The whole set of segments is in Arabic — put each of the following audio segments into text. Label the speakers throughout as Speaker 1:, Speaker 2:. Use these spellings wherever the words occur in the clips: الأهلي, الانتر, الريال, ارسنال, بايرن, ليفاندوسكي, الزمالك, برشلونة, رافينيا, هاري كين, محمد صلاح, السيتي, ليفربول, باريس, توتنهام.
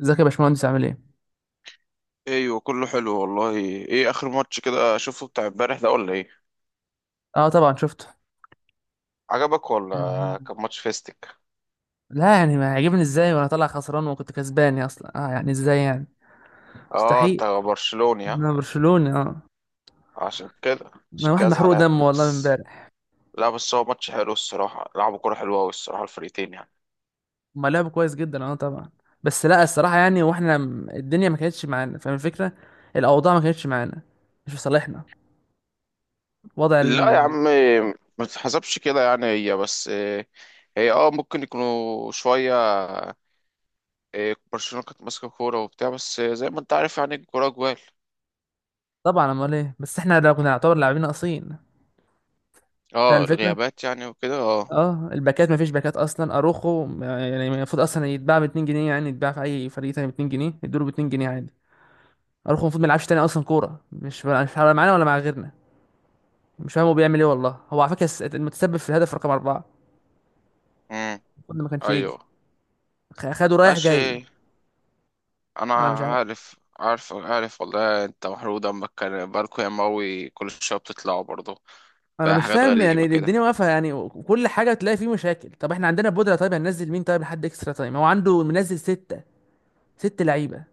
Speaker 1: ازيك يا باشمهندس عامل ايه؟
Speaker 2: ايوه، كله حلو والله. ايه اخر ماتش كده شفته بتاع امبارح ده ولا ايه؟
Speaker 1: اه طبعا شفته.
Speaker 2: عجبك ولا؟
Speaker 1: يعني-
Speaker 2: كان ماتش فيستك.
Speaker 1: لا يعني ما عجبني ازاي وانا طالع خسران وكنت كسبان، يا اصلا اه يعني ازاي يعني.
Speaker 2: اه،
Speaker 1: مستحيل،
Speaker 2: انت برشلوني ها؟
Speaker 1: انا برشلوني اه.
Speaker 2: عشان كده.
Speaker 1: انا
Speaker 2: عشان
Speaker 1: واحد
Speaker 2: كده
Speaker 1: محروق
Speaker 2: زعلان
Speaker 1: دم والله من
Speaker 2: بس.
Speaker 1: امبارح.
Speaker 2: لا بس هو ماتش حلو الصراحه، لعبوا كوره حلوه قوي الصراحه الفريقين يعني.
Speaker 1: هما لعبوا كويس جدا اه طبعا. بس لا الصراحه يعني واحنا الدنيا ما كانتش معانا، فاهم الفكره. الاوضاع ما كانتش معانا، مش في صالحنا. وضع
Speaker 2: لا يا عم،
Speaker 1: ال...
Speaker 2: ما تتحسبش كده يعني، هي بس هي ممكن يكونوا شويه. برشلونه كانت ماسكه كوره وبتاع، بس زي ما انت عارف يعني الكوره جوال.
Speaker 1: طبعا، امال ايه، بس احنا لو كنا نعتبر لاعبين ناقصين، فاهم
Speaker 2: اه
Speaker 1: الفكره.
Speaker 2: الغيابات يعني وكده اه.
Speaker 1: اه الباكات، مفيش باكات اصلا. اروخو يعني المفروض اصلا يتباع ب 2 جنيه، يعني يتباع في اي فريق تاني ب 2 جنيه، يدوله ب 2 جنيه عادي. اروخو المفروض ما يلعبش تاني اصلا كوره، مش هيلعب معانا ولا مع غيرنا. مش فاهم هو بيعمل ايه والله. هو على فكره المتسبب في الهدف رقم اربعه
Speaker 2: امم.
Speaker 1: المفروض ما كانش يجي.
Speaker 2: ايوه.
Speaker 1: خده رايح جاي.
Speaker 2: ماشي. انا
Speaker 1: انا مش عارف،
Speaker 2: عارف والله، انت محروق دمك. كان باركو يا ماوي كل شويه بتطلعوا برضه.
Speaker 1: انا
Speaker 2: بقى
Speaker 1: مش
Speaker 2: حاجات
Speaker 1: فاهم يعني.
Speaker 2: غريبه كده.
Speaker 1: الدنيا واقفه يعني، وكل حاجه تلاقي فيه مشاكل. طب احنا عندنا بودره، طيب هننزل مين؟ طيب لحد اكسترا تايم هو عنده منزل سته، ست لعيبه،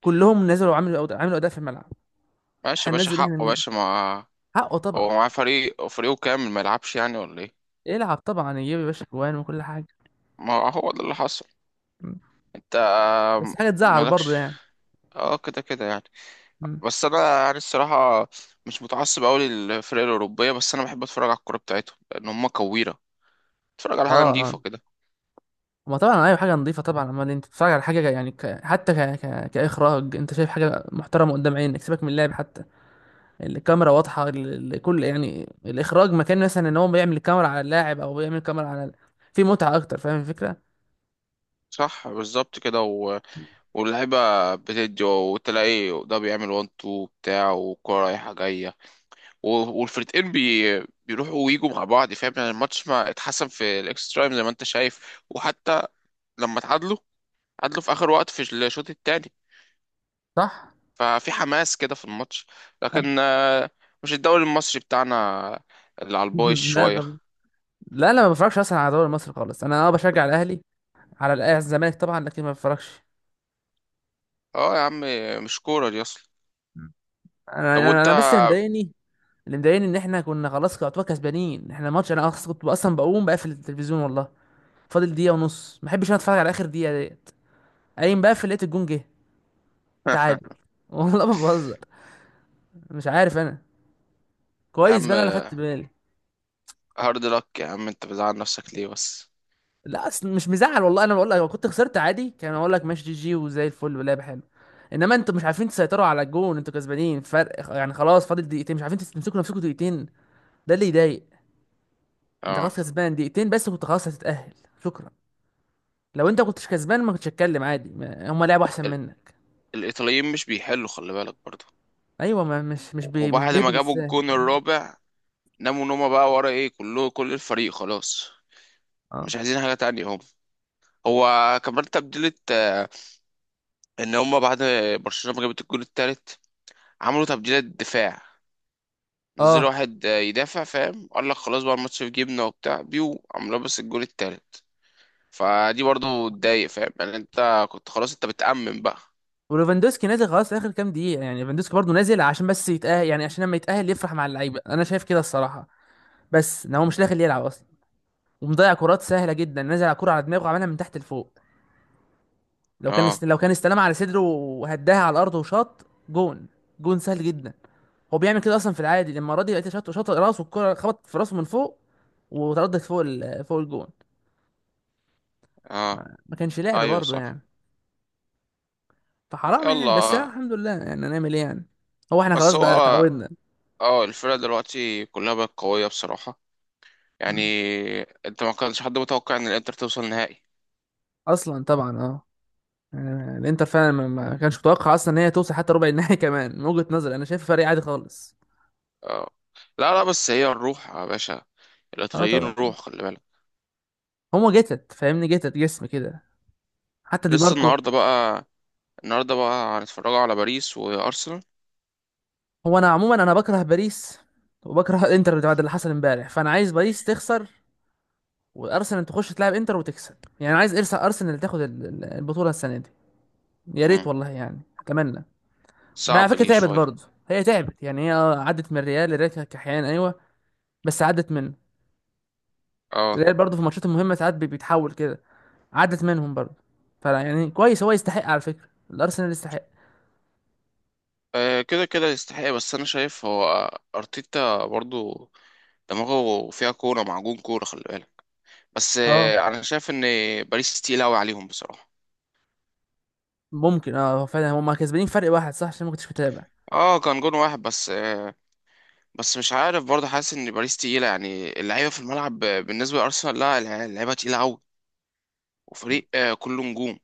Speaker 1: كلهم نزلوا وعملوا عملوا اداء في الملعب.
Speaker 2: ماشي يا باشا،
Speaker 1: هننزل احنا
Speaker 2: حقه يا
Speaker 1: مين؟
Speaker 2: باشا. ما
Speaker 1: حقه طبعا.
Speaker 2: هو معاه فريق وفريقه كامل، ما يلعبش يعني ولا ايه؟
Speaker 1: يلعب طبعا، يجيب يا باشا جوان وكل حاجه.
Speaker 2: ما هو ده اللي حصل.
Speaker 1: مم.
Speaker 2: انت
Speaker 1: بس حاجه تزعل برضه
Speaker 2: مالكش.
Speaker 1: يعني.
Speaker 2: اه كده كده يعني.
Speaker 1: مم.
Speaker 2: بس انا يعني الصراحه مش متعصب قوي للفرق الاوروبيه، بس انا بحب اتفرج على الكوره بتاعتهم لان هم كويره. اتفرج على حاجه
Speaker 1: اه
Speaker 2: نظيفه
Speaker 1: اه،
Speaker 2: كده.
Speaker 1: ما طبعا ايوه حاجه نظيفه طبعا. اما انت بتتفرج على حاجه يعني ك... حتى ك... ك... كاخراج، انت شايف حاجه محترمه قدام عينك، سيبك من اللعب حتى. الكاميرا واضحه، كل يعني الاخراج مكان، مثلا ان هو بيعمل الكاميرا على اللاعب او بيعمل الكاميرا على في متعه اكتر، فاهم الفكره.
Speaker 2: صح بالظبط كده. واللعيبة بتدي، وتلاقي ده بيعمل وان تو بتاع والكورة رايحة جاية. والفرقتين بيروحوا ويجوا مع بعض، فاهم يعني؟ الماتش ما اتحسن في الاكسترا تايم زي ما انت شايف، وحتى لما اتعادلوا، اتعادلوا في آخر وقت في الشوط التاني،
Speaker 1: صح.
Speaker 2: ففي حماس كده في الماتش.
Speaker 1: أنا...
Speaker 2: لكن مش الدوري المصري بتاعنا اللي على البايظ
Speaker 1: لا
Speaker 2: شوية.
Speaker 1: طب، لا ما بفرجش اصلا على الدوري المصري خالص. انا اه بشجع الاهلي، على الزمالك طبعا، لكن ما بفرجش.
Speaker 2: اه يا عم، مش كورة دي أصلا.
Speaker 1: انا
Speaker 2: طب
Speaker 1: انا
Speaker 2: وانت؟
Speaker 1: أنا بس اللي مضايقني، اللي مضايقني ان احنا كنا خلاص يعتبر كسبانين احنا الماتش. انا كنت اصلا بقوم بقفل التلفزيون والله، فاضل دقيقه ونص، ما بحبش انا اتفرج على اخر دقيقه ديت. قايم بقفل، لقيت الجون جه تعادل والله ما بهزر. مش عارف انا.
Speaker 2: يا
Speaker 1: كويس بقى
Speaker 2: عم
Speaker 1: انا اللي خدت بالي.
Speaker 2: هارد لك، يا عم انت بتزعل نفسك ليه بس؟
Speaker 1: لا اصل مش مزعل والله. انا بقول لك، لو كنت خسرت عادي كان اقول لك ماشي، جي جي وزي الفل ولعب حلو، انما انتوا مش عارفين تسيطروا على الجون، انتوا كسبانين فرق يعني، خلاص فاضل دقيقتين مش عارفين تمسكوا نفسكم دقيقتين، ده اللي يضايق. انت
Speaker 2: اه
Speaker 1: خلاص كسبان دقيقتين، بس كنت خلاص هتتأهل، شكرا. لو انت كنتش كسبان ما كنتش هتكلم عادي، هما لعبوا احسن منك.
Speaker 2: الإيطاليين مش بيحلوا، خلي بالك برضه.
Speaker 1: ايوه، ما مش
Speaker 2: وبعد ما
Speaker 1: بيهدوا
Speaker 2: جابوا
Speaker 1: بالساهل.
Speaker 2: الجون الرابع، ناموا نومة بقى، ورا ايه كله كل الفريق خلاص.
Speaker 1: اه
Speaker 2: مش عايزين حاجة تانية هم. هو كمان تبديلة، ان هم بعد برشلونة ما جابت الجون التالت، عملوا تبديلة دفاع، نزلوا
Speaker 1: اه.
Speaker 2: واحد يدافع، فاهم؟ قال لك خلاص بقى الماتش في جيبنا وبتاع، بيو عملوا بس الجون التالت. فدي برضه تضايق فاهم يعني، انت كنت خلاص انت بتأمن بقى.
Speaker 1: وليفاندوسكي نازل خلاص اخر كام دقيقه يعني، ليفاندوسكي برضه نازل عشان بس يتاهل، يعني عشان لما يتاهل يفرح مع اللعيبه، انا شايف كده الصراحه. بس ان هو مش داخل يلعب اصلا، ومضيع كرات سهله جدا. نازل على كرة على دماغه، عملها من تحت لفوق.
Speaker 2: اه.
Speaker 1: لو كان استلمها على صدره وهداها على الارض وشاط، جون، جون سهل جدا. هو بيعمل كده اصلا في العادي. لما راضي لقيته شاط راسه، الكرة خبطت في راسه من فوق وتردت فوق فوق الجون.
Speaker 2: اه.
Speaker 1: ما ما كانش لعبة
Speaker 2: ايوه
Speaker 1: برضه
Speaker 2: صح.
Speaker 1: يعني. فحرام يعني. بس أنا
Speaker 2: يلا.
Speaker 1: الحمد لله، يعني هنعمل ايه يعني، هو احنا
Speaker 2: بس
Speaker 1: خلاص
Speaker 2: هو
Speaker 1: بقى اتعودنا.
Speaker 2: اه الفرقة دلوقتي كلها بقت قوية بصراحة
Speaker 1: م.
Speaker 2: يعني. انت ما كانش حد متوقع ان الانتر توصل نهائي.
Speaker 1: اصلا طبعا اه. يعني الانتر فعلا ما كانش متوقع اصلا ان هي توصل حتى ربع النهائي كمان من وجهة نظري انا شايف فريق عادي خالص.
Speaker 2: اه، لا لا، بس هي الروح يا باشا،
Speaker 1: اه
Speaker 2: الايطاليين
Speaker 1: طبعا،
Speaker 2: الروح خلي بالك.
Speaker 1: هما جتت جتت جسم كده حتى دي
Speaker 2: لسه
Speaker 1: ماركو.
Speaker 2: النهارده بقى، النهارده بقى هنتفرجوا على باريس وارسنال.
Speaker 1: انا عموما انا بكره باريس، وبكره الانتر بعد اللي حصل امبارح، فانا عايز باريس تخسر وارسنال تخش تلعب انتر وتكسب، يعني عايز ارسنال تاخد البطولة السنة دي. يا ريت
Speaker 2: امم،
Speaker 1: والله، يعني اتمنى. ما على
Speaker 2: صعبة
Speaker 1: فكره
Speaker 2: دي
Speaker 1: تعبت
Speaker 2: شوية.
Speaker 1: برضه. هي تعبت يعني. هي عدت من الريال، الريال كانت كحيان ايوه، بس عدت منه.
Speaker 2: اه.
Speaker 1: الريال برضه في الماتشات المهمه ساعات بيتحول كده، عدت منهم برضه. فلا يعني كويس، هو يستحق على فكره، الارسنال يستحق.
Speaker 2: كده كده يستحق، بس انا شايف هو ارتيتا برضو دماغه فيها كورة معجون كورة، خلي بالك. بس
Speaker 1: اه
Speaker 2: انا شايف ان باريس تقيل قوي عليهم بصراحة.
Speaker 1: ممكن اه، هو فعلا هم كسبانين فرق واحد صح، عشان ما كنتش متابع.
Speaker 2: اه كان جون واحد بس بس مش عارف برضه، حاسس ان باريس تقيله يعني اللعيبه في الملعب بالنسبه لارسنال. لا اللعيبه تقيله قوي، وفريق كله نجوم.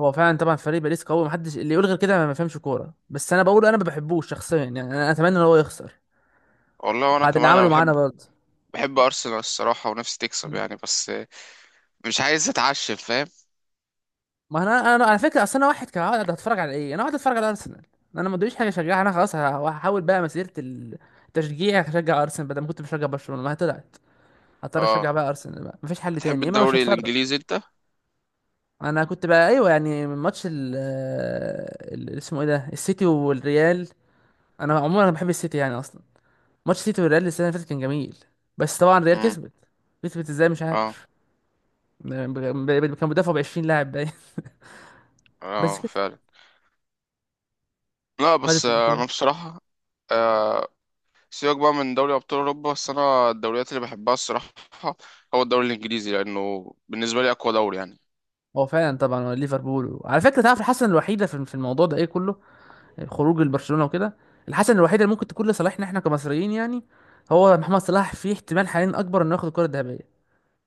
Speaker 1: هو فعلا طبعا فريق باريس قوي، محدش اللي يقول غير كده ما بيفهمش كوره، بس انا بقول انا ما بحبوش شخصيا يعني، انا اتمنى ان هو يخسر
Speaker 2: والله وانا
Speaker 1: بعد اللي
Speaker 2: كمان، انا
Speaker 1: عمله معانا
Speaker 2: بحب،
Speaker 1: برضه.
Speaker 2: بحب ارسنال الصراحه ونفسي تكسب يعني، بس مش عايز اتعشم فاهم.
Speaker 1: ما انا على فكره، اصل انا واحد كان قاعد هتفرج على ايه، انا قاعد اتفرج على ارسنال، انا ما ادريش حاجه اشجعها. انا خلاص هحاول بقى مسيره التشجيع هشجع ارسنال، بدل ما كنت بشجع برشلونه ما هي طلعت، هضطر اشجع
Speaker 2: اه.
Speaker 1: بقى ارسنال، بقى مفيش حل
Speaker 2: بتحب
Speaker 1: تاني يا اما مش
Speaker 2: الدوري
Speaker 1: هتفرج.
Speaker 2: الانجليزي انت؟
Speaker 1: انا كنت بقى ايوه يعني من ماتش اسمه ايه ده، السيتي والريال. انا عموما انا بحب السيتي يعني اصلا. ماتش السيتي والريال السنه اللي فاتت كان جميل، بس طبعا الريال
Speaker 2: امم.
Speaker 1: كسبت. كسبت ازاي مش
Speaker 2: اه
Speaker 1: عارف. ب- كان مدافع ب 20 لاعب باين بس
Speaker 2: اه
Speaker 1: كسبت،
Speaker 2: فعلا. لا
Speaker 1: خدت.
Speaker 2: بس انا بصراحه آه، سيبك بقى من دوري ابطال اوروبا. بس انا الدوريات اللي بحبها الصراحه هو الدوري الانجليزي، لانه بالنسبه لي اقوى دوري يعني.
Speaker 1: هو فعلا طبعا ليفربول، على فكره تعرف الحسنه الوحيده في الموضوع ده ايه كله، خروج البرشلونه وكده، الحسنه الوحيده اللي ممكن تكون لصالحنا احنا كمصريين يعني، هو محمد صلاح في احتمال حاليا اكبر انه ياخد الكره الذهبيه.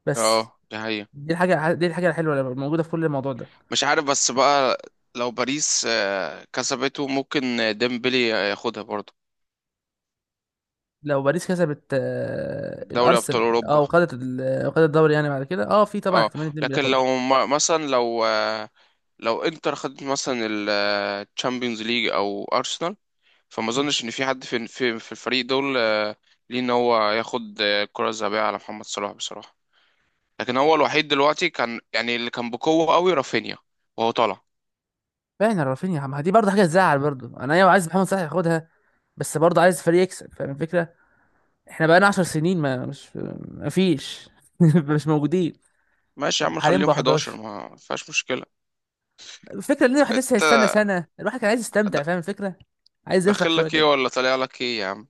Speaker 1: بس
Speaker 2: اه ده.
Speaker 1: دي الحاجه الحلوه اللي موجوده في كل الموضوع ده.
Speaker 2: مش عارف بس بقى، لو باريس كسبته ممكن ديمبلي ياخدها برضه،
Speaker 1: لو باريس كسبت آه،
Speaker 2: دوري ابطال
Speaker 1: الارسنال، اه
Speaker 2: اوروبا.
Speaker 1: وخدت وخدت الدوري، يعني بعد كده اه في طبعا
Speaker 2: اه.
Speaker 1: احتمال اتنين
Speaker 2: لكن
Speaker 1: بياخدها.
Speaker 2: لو مثلا، لو لو انتر خدت مثلا الشامبيونز ليج او ارسنال، فما اظنش ان في حد في الفريق دول ليه ان هو ياخد الكره الذهبيه على محمد صلاح بصراحه. لكن هو الوحيد دلوقتي كان يعني اللي كان بقوه قوي رافينيا، وهو طالع.
Speaker 1: فعلا رافينيا، ما دي برضه حاجه تزعل برضه، انا ايوه عايز محمد صلاح ياخدها، بس برضه عايز فريق يكسب، فاهم الفكره. احنا بقالنا 10 سنين، ما مش، ما فيش مش موجودين.
Speaker 2: ماشي يا عم
Speaker 1: حاليا
Speaker 2: نخليهم
Speaker 1: بقى
Speaker 2: 11
Speaker 1: 11.
Speaker 2: ما فيهاش مشكله.
Speaker 1: الفكره ان الواحد لسه
Speaker 2: انت
Speaker 1: هيستنى سنه، الواحد كان عايز
Speaker 2: د-
Speaker 1: يستمتع فاهم الفكره، عايز يفرح
Speaker 2: داخل
Speaker 1: شويه
Speaker 2: لك ايه
Speaker 1: كده.
Speaker 2: ولا طالع لك ايه يا عم؟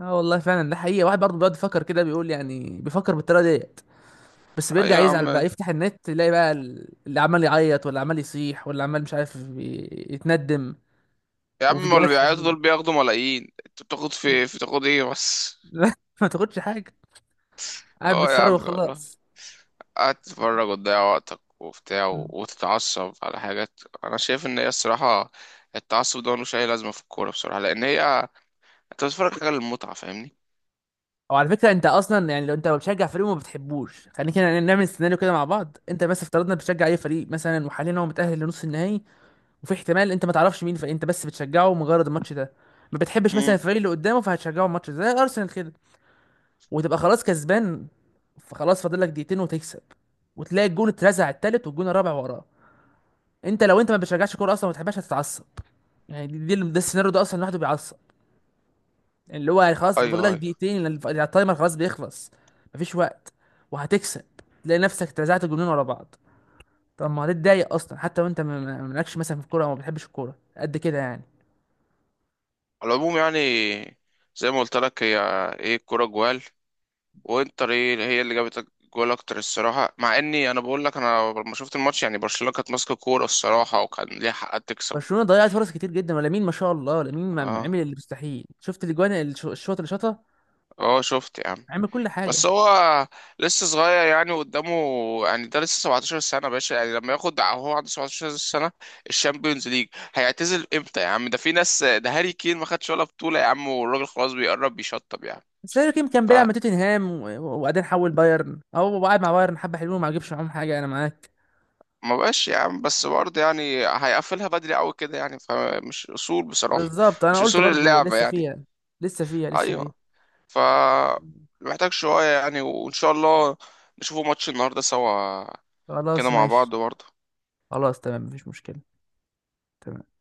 Speaker 1: اه والله فعلا، ده حقيقه، واحد برضه بيقعد يفكر كده، بيقول يعني بيفكر بالطريقه ديت، بس
Speaker 2: ايوه
Speaker 1: بيرجع
Speaker 2: يا
Speaker 1: يزعل
Speaker 2: عم.
Speaker 1: بقى، يفتح النت يلاقي بقى اللي عمال يعيط واللي عمال يصيح واللي عمال مش عارف يتندم،
Speaker 2: يا عم ما اللي
Speaker 1: وفيديوهات
Speaker 2: بيعيطوا
Speaker 1: حزينه
Speaker 2: دول بياخدوا ملايين، انت بتاخد في تاخد ايه بس؟
Speaker 1: لا، ما تاخدش حاجه، قاعد
Speaker 2: اه يا عم
Speaker 1: بتصرخ
Speaker 2: والله،
Speaker 1: وخلاص.
Speaker 2: قاعد تتفرج وتضيع وقتك وبتاع، وتتعصب على حاجات. انا شايف ان هي الصراحه التعصب ده ملوش اي لازمه في الكوره بصراحه، لان هي انت بتتفرج حاجه للمتعه فاهمني.
Speaker 1: وعلى فكره انت اصلا يعني، لو انت بتشجع فريق وما بتحبوش، خلينا كده نعمل سيناريو كده مع بعض. انت مثلا افترضنا بتشجع اي فريق مثلا، وحاليا هو متاهل لنص النهائي، وفي احتمال انت ما تعرفش مين الفريق، انت بس بتشجعه مجرد الماتش ده، ما بتحبش مثلا
Speaker 2: امم.
Speaker 1: الفريق اللي قدامه، فهتشجعه الماتش ده زي ارسنال كده، وتبقى خلاص كسبان، فخلاص فاضل لك دقيقتين وتكسب، وتلاقي الجون اترزع التالت والجون الرابع وراه. انت لو انت ما بتشجعش كوره اصلا ما بتحبهاش هتتعصب. يعني ده السيناريو ده اصلا لوحده بيعصب، اللي هو خلاص
Speaker 2: ايوه
Speaker 1: فاضل لك
Speaker 2: ايوه.
Speaker 1: دقيقتين، لأن التايمر خلاص بيخلص، مفيش وقت وهتكسب، تلاقي نفسك اترزعت جنون ورا بعض. طب ما هتتضايق اصلا حتى وانت مالكش مثلا في الكوره، او ما بتحبش الكوره قد كده يعني.
Speaker 2: على العموم يعني، زي ما قلت لك هي ايه الكوره جوال، وانتر ايه هي اللي جابت جول اكتر الصراحه. مع اني انا بقول لك انا لما شفت الماتش يعني برشلونه كانت ماسكه كوره الصراحه وكان ليها حق تكسب.
Speaker 1: برشلونه ضيعت فرص كتير جدا، ولامين ما شاء الله، لامين ما
Speaker 2: اه.
Speaker 1: عمل اللي مستحيل، شفت الاجوان الشوط اللي شاطها،
Speaker 2: اه شفت يا عم.
Speaker 1: عمل كل
Speaker 2: بس
Speaker 1: حاجه.
Speaker 2: هو لسه صغير يعني، قدامه يعني، ده لسه 17 سنة يا باشا يعني، لما ياخد هو عنده 17 سنة الشامبيونز ليج هيعتزل امتى يا عم؟ ده في ناس، ده هاري كين ما خدش ولا بطولة يا عم، والراجل خلاص بيقرب بيشطب يعني.
Speaker 1: بس هاري كين كان بيلعب
Speaker 2: فما
Speaker 1: مع توتنهام وبعدين حول بايرن، او قاعد مع بايرن حبه حلوين ما جابش معاهم حاجه، انا معاك
Speaker 2: بقاش يا عم بس برضه يعني، هيقفلها بدري قوي كده يعني، فمش اصول بصراحة،
Speaker 1: بالظبط. انا
Speaker 2: مش
Speaker 1: قلت
Speaker 2: اصول
Speaker 1: برضو
Speaker 2: اللعبة
Speaker 1: لسه
Speaker 2: يعني.
Speaker 1: فيها، لسه فيها.
Speaker 2: ايوه. ف محتاج شوية يعني، وان شاء الله نشوفوا ماتش النهاردة سوا كده
Speaker 1: خلاص
Speaker 2: مع
Speaker 1: ماشي.
Speaker 2: بعض برضه.
Speaker 1: خلاص تمام، مفيش مشكلة. تمام.